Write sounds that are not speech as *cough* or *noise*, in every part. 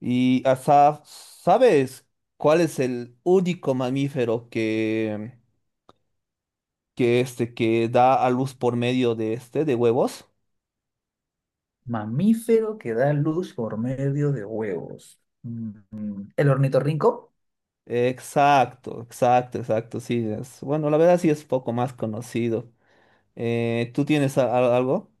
Y hasta, ¿sabes cuál es el único mamífero que da a luz por medio de huevos? Mamífero que da luz por medio de huevos. ¿El ornitorrinco? Exacto, exacto, exacto, sí. Bueno, la verdad sí es poco más conocido. ¿Tú tienes algo?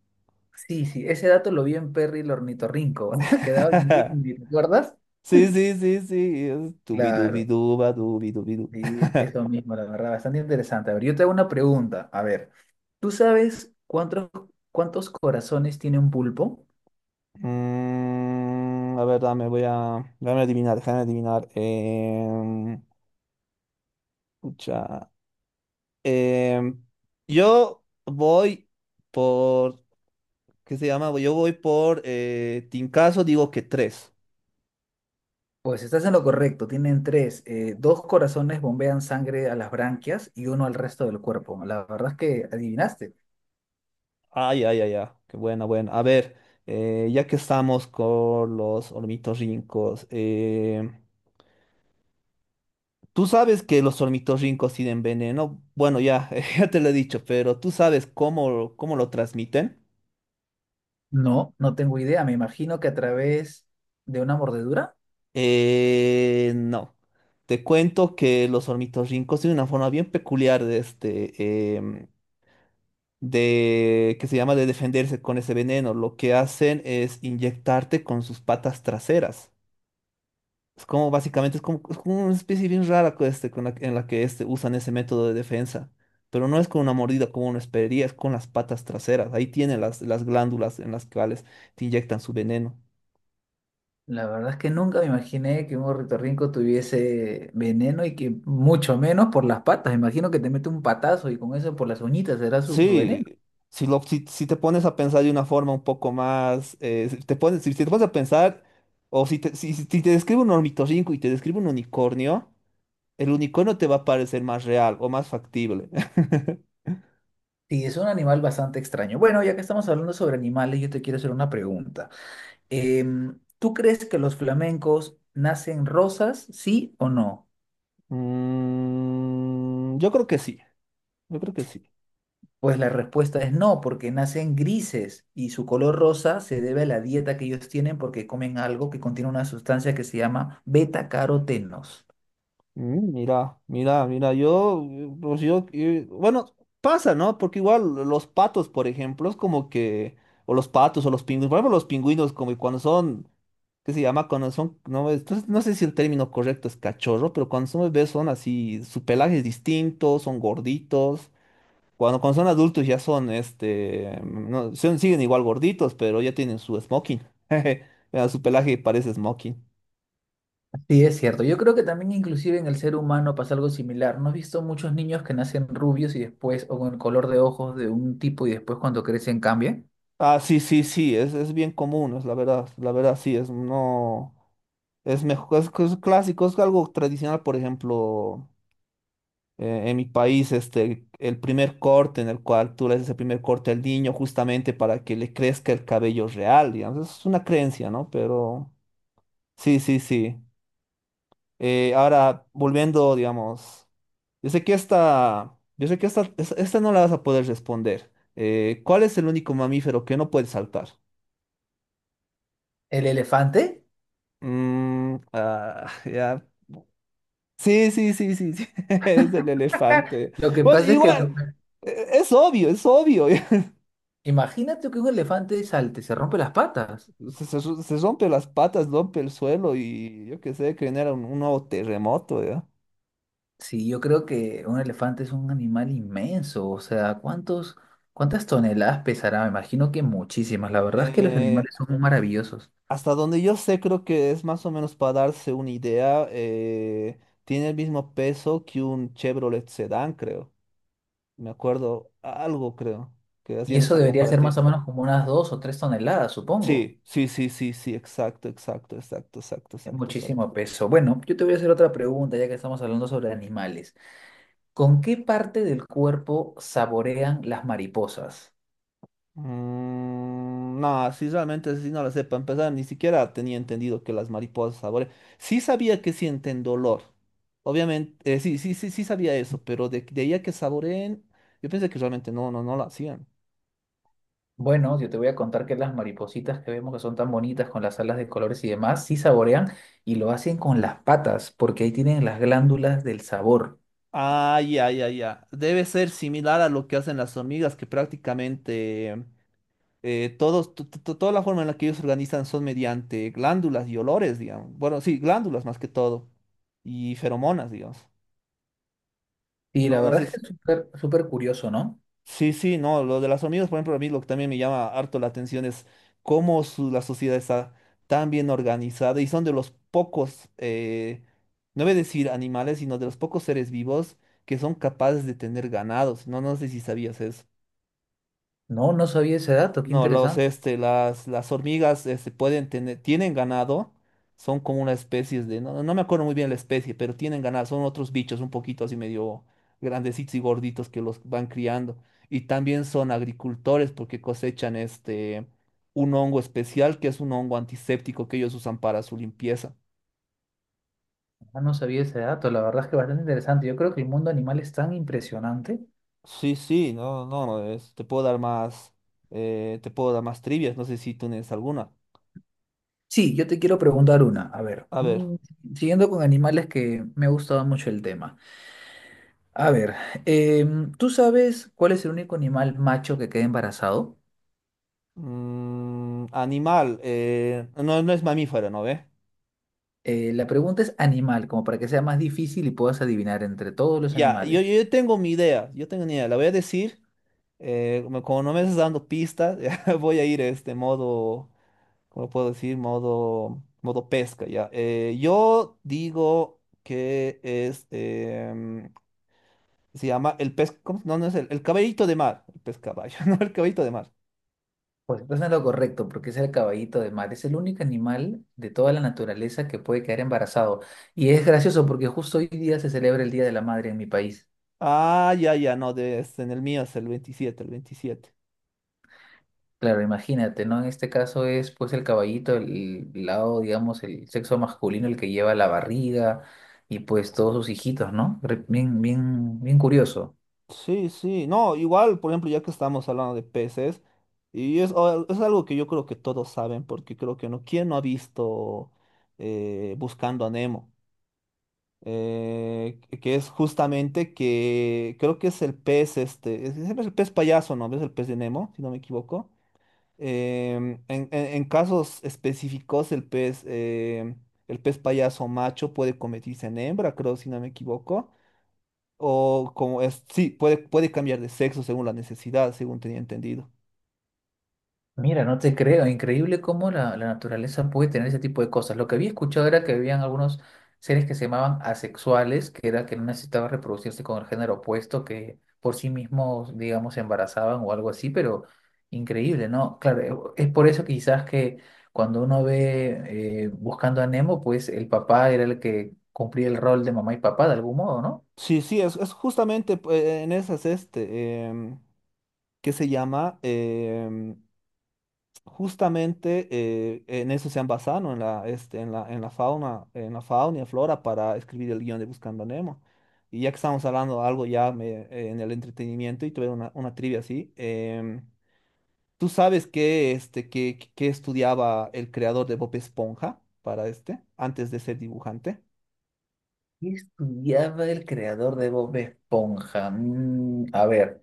Sí, sí, ese dato lo vi en Perry el ornitorrinco, *laughs* que daba en Disney, *laughs* ¿te acuerdas? Sí, sí, sí, sí. Es Dubi dubi Claro, duba, dubi dubi du. sí, es *laughs* lo mismo, la verdad, bastante interesante. A ver, yo te hago una pregunta. A ver, ¿tú sabes cuántos corazones tiene un pulpo? A ver, dame, voy a. Dame adivinar, déjame adivinar. Em, yo voy por, ¿qué se llama? Yo voy por Tincaso, digo que tres. Pues estás en lo correcto, tienen tres. Dos corazones bombean sangre a las branquias y uno al resto del cuerpo. La verdad es que adivinaste. Ay, ay, ay, ay. Qué buena, buena. A ver, ya que estamos con los ornitorrincos, tú sabes que los ornitorrincos tienen veneno. Bueno, ya, *laughs* ya te lo he dicho, pero tú sabes cómo lo transmiten. No, no tengo idea. Me imagino que a través de una mordedura. No. Te cuento que los ornitorrincos tienen una forma bien peculiar de este. Em, de, que se llama de defenderse con ese veneno. Lo que hacen es inyectarte con sus patas traseras. Es como básicamente, es como una especie bien rara con este, con la- en la que usan ese método de defensa. Pero no es con una mordida como uno esperaría, es con las patas traseras. Ahí tienen las glándulas en las cuales te inyectan su veneno. La verdad es que nunca me imaginé que un ornitorrinco tuviese veneno y que mucho menos por las patas. Imagino que te mete un patazo y con eso por las uñitas será su veneno. Sí, si, lo, si, si te pones a pensar de una forma un poco más, si te pones a pensar, o si te describe un ornitorrinco y te describe un unicornio, el unicornio te va a parecer más real o más factible. *laughs* Sí, es un animal bastante extraño. Bueno, ya que estamos hablando sobre animales, yo te quiero hacer una pregunta. ¿Tú crees que los flamencos nacen rosas, sí o no? Yo creo que sí, yo creo que sí. Pues la respuesta es no, porque nacen grises y su color rosa se debe a la dieta que ellos tienen porque comen algo que contiene una sustancia que se llama beta-carotenos. Mira, yo, pues yo, bueno, pasa, ¿no? Porque igual los patos, por ejemplo, es como que, o los patos o los pingüinos, por ejemplo, los pingüinos como que cuando son, ¿qué se llama? Cuando son, no, entonces, no sé si el término correcto es cachorro, pero cuando son bebés son así, su pelaje es distinto, son gorditos. Cuando son adultos ya son, no, siguen igual gorditos, pero ya tienen su smoking. *laughs* Jeje, mira, su pelaje parece smoking. Sí, es cierto. Yo creo que también inclusive en el ser humano pasa algo similar. ¿No has visto muchos niños que nacen rubios y después, o con el color de ojos de un tipo y después cuando crecen cambian? Ah, sí, sí, sí, es bien común, es la verdad, sí, es no, es mejor, es clásico, es algo tradicional, por ejemplo, en mi país, el primer corte en el cual tú le haces el primer corte al niño justamente para que le crezca el cabello real, digamos, es una creencia, ¿no? Pero sí, sí, sí. Ahora, volviendo, digamos. Yo sé que esta, yo sé que esta, es- Esta no la vas a poder responder. ¿Cuál es el único mamífero que no puede saltar? ¿El elefante? Mm, ah, *laughs* ya. Sí, sí, sí, sí, sí. *laughs* Es el elefante. Lo que Bueno, pasa es que igual, es obvio, es obvio. *laughs* imagínate que un elefante salte, se rompe las patas. Se, se se rompe las patas, rompe el suelo y yo qué sé, que genera un nuevo terremoto, ¿ya? Sí, yo creo que un elefante es un animal inmenso, o sea, ¿cuántas toneladas pesará? Me imagino que muchísimas. La verdad es que los Eh, animales son muy maravillosos. Hasta donde yo sé, creo que es más o menos para darse una idea, tiene el mismo peso que un Chevrolet Sedán, creo. Me acuerdo algo, creo, que Y hacían eso esa debería ser más comparativa. o menos como unas 2 o 3 toneladas, supongo. Sí, sí, sí, sí, sí, exacto, exacto, exacto, exacto, Es exacto, exacto. muchísimo peso. Bueno, yo te voy a hacer otra pregunta, ya que estamos hablando sobre animales. ¿Con qué parte del cuerpo saborean las mariposas? Mm, no, sí, realmente sí no lo sé para empezar, ni siquiera tenía entendido que las mariposas saborean. Sí sabía que sienten dolor. Obviamente, sí, sí, sí, sí sabía eso, pero de ahí a que saboreen, yo pensé que realmente no, no, no lo hacían. Bueno, yo te voy a contar que las maripositas que vemos que son tan bonitas con las alas de colores y demás, sí saborean y lo hacen con las patas, porque ahí tienen las glándulas del sabor. Ah, ya, ya, ya. Debe ser similar a lo que hacen las hormigas, que prácticamente toda la forma en la que ellos se organizan son mediante glándulas y olores, digamos. Bueno, sí, glándulas más que todo. Y feromonas, digamos. Y la No, no verdad sé. es que es súper súper curioso, ¿no? Sí, sí, no. Lo de las hormigas, por ejemplo, a mí lo que también me llama harto la atención es la sociedad está tan bien organizada y son de los pocos, no voy a decir animales, sino de los pocos seres vivos que son capaces de tener ganados. No, no sé si sabías eso. No, no sabía ese dato, qué No, los, interesante. este, las, las hormigas, tienen ganado, son como una especie de, no, no me acuerdo muy bien la especie, pero tienen ganado, son otros bichos un poquito así medio grandecitos y gorditos que los van criando. Y también son agricultores porque cosechan un hongo especial que es un hongo antiséptico que ellos usan para su limpieza. Ah, no sabía ese dato, la verdad es que bastante interesante. Yo creo que el mundo animal es tan impresionante. Sí, sí, no, no, no, te puedo dar más trivias, no sé si tú tienes alguna. Sí, yo te quiero preguntar una. A ver, A ver. Siguiendo con animales que me ha gustado mucho el tema. A ver, ¿tú sabes cuál es el único animal macho que queda embarazado? Mm, animal. No, no es mamífero, ¿no ve? La pregunta es animal, como para que sea más difícil y puedas adivinar entre todos los Ya, yo, animales. yo tengo mi idea. Yo tengo mi idea. La voy a decir. Como no me estás dando pistas, *laughs* ya voy a ir este modo. ¿Cómo puedo decir? Modo pesca, ya. Yo digo que es. Se llama el pez. ¿Cómo? No, no es el caballito de mar. El pez caballo, *laughs* no el caballito de mar. Pues entonces no es lo correcto, porque es el caballito de mar. Es el único animal de toda la naturaleza que puede quedar embarazado. Y es gracioso porque justo hoy día se celebra el Día de la Madre en mi país. Ah, ya, ya, no, en el mío es el 27, el 27. Claro, imagínate, ¿no? En este caso es pues el caballito, el lado, digamos, el sexo masculino, el que lleva la barriga y pues todos sus hijitos, ¿no? Re- Bien, bien, bien curioso. Sí, sí, no, igual, por ejemplo, ya que estamos hablando de peces, es algo que yo creo que todos saben, porque creo que no, ¿quién no ha visto Buscando a Nemo? Que es justamente que creo que es el pez, es el pez payaso, ¿no? ¿Ves el pez de Nemo, si no me equivoco? En casos específicos, el pez payaso macho puede convertirse en hembra, creo, si no me equivoco. O como es, sí, puede cambiar de sexo según la necesidad, según tenía entendido. Mira, no te creo, increíble cómo la naturaleza puede tener ese tipo de cosas. Lo que había escuchado era que habían algunos seres que se llamaban asexuales, que era que no necesitaban reproducirse con el género opuesto, que por sí mismos, digamos, se embarazaban o algo así, pero increíble, ¿no? Claro, es por eso quizás que cuando uno ve buscando a Nemo, pues el papá era el que cumplía el rol de mamá y papá de algún modo, ¿no? Sí, sí, es justamente pues, en esas, ¿qué se llama? Justamente en eso se han basado, ¿no? En la, este, en la fauna y flora para escribir el guión de Buscando a Nemo. Y ya que estamos hablando de algo en el entretenimiento y tuve una trivia así, ¿tú sabes qué, qué estudiaba el creador de Bob Esponja para antes de ser dibujante? ¿Qué estudiaba el creador de Bob Esponja? A ver.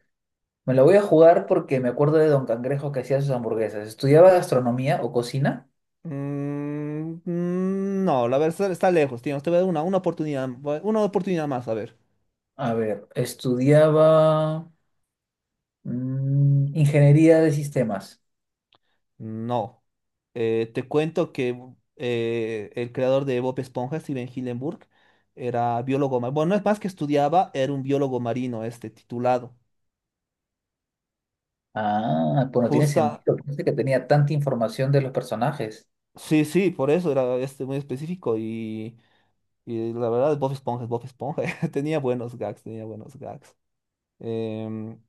Me la voy a jugar porque me acuerdo de Don Cangrejo que hacía sus hamburguesas. ¿Estudiaba gastronomía o cocina? Mm, mm, no, la verdad está lejos, tío. Te voy a dar una oportunidad, una oportunidad más, a ver. A ver, estudiaba ingeniería de sistemas. No. Te cuento que el creador de Bob Esponja, Steven Hillenburg, era biólogo marino. Bueno, no es más que estudiaba, era un biólogo marino, titulado. Ah, pues no tiene Justa, sentido. Pensé que tenía tanta información de los personajes. sí, sí, por eso era muy específico y Y la verdad, Bob Esponja es Bob Esponja. *laughs* Tenía buenos gags, tenía buenos gags. Em,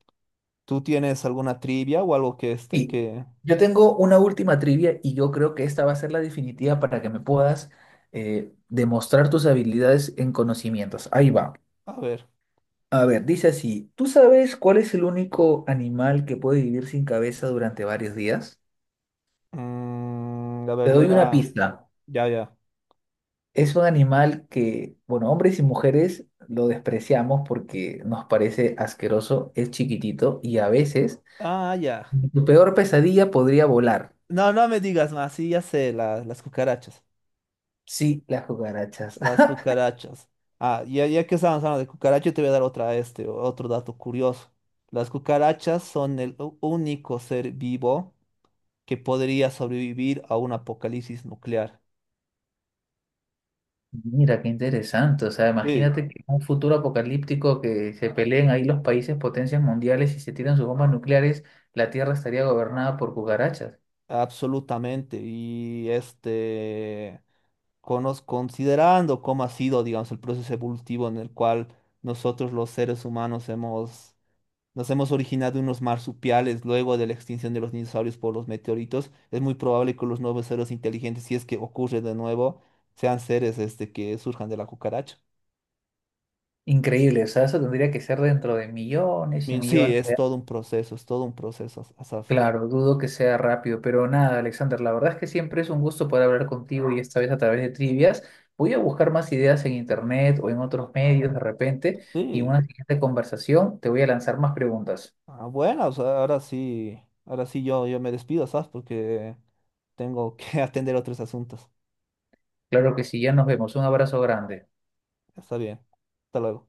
¿Tú tienes alguna trivia o algo que Sí, que... yo tengo una última trivia y yo creo que esta va a ser la definitiva para que me puedas demostrar tus habilidades en conocimientos. Ahí va. A ver. A ver, dice así, ¿tú sabes cuál es el único animal que puede vivir sin cabeza durante varios días? A Te ver, voy doy una a... pista. Ya, ya. Es un animal que, bueno, hombres y mujeres lo despreciamos porque nos parece asqueroso, es chiquitito y a veces Ah, ya. en tu peor pesadilla podría volar. No, no me digas más. Sí, ya sé, las cucarachas. Sí, las cucarachas. Las *laughs* cucarachas. Ah, ya, ya que estábamos hablando de cucarachas, te voy a dar otro dato curioso. Las cucarachas son el único ser vivo que podría sobrevivir a un apocalipsis nuclear. Mira, qué interesante. O sea, Sí, imagínate que en un futuro apocalíptico que se peleen ahí los países potencias mundiales y se tiran sus bombas nucleares, la Tierra estaría gobernada por cucarachas. absolutamente. Y considerando cómo ha sido, digamos, el proceso evolutivo en el cual nosotros los seres humanos nos hemos originado unos marsupiales luego de la extinción de los dinosaurios por los meteoritos, es muy probable que los nuevos seres inteligentes, si es que ocurre de nuevo, sean seres que surjan de la cucaracha. Increíble. O sea, eso tendría que ser dentro de millones y Y sí, millones. es todo un proceso, es todo un proceso, Asaf. Claro, dudo que sea rápido, pero nada, Alexander, la verdad es que siempre es un gusto poder hablar contigo y esta vez a través de trivias. Voy a buscar más ideas en internet o en otros medios de repente y en Sí, una siguiente conversación te voy a lanzar más preguntas. ah, bueno, o sea, ahora sí yo me despido, Asaf, porque... Tengo que *laughs* atender otros asuntos. Claro que sí, ya nos vemos. Un abrazo grande. Está bien. Hasta luego.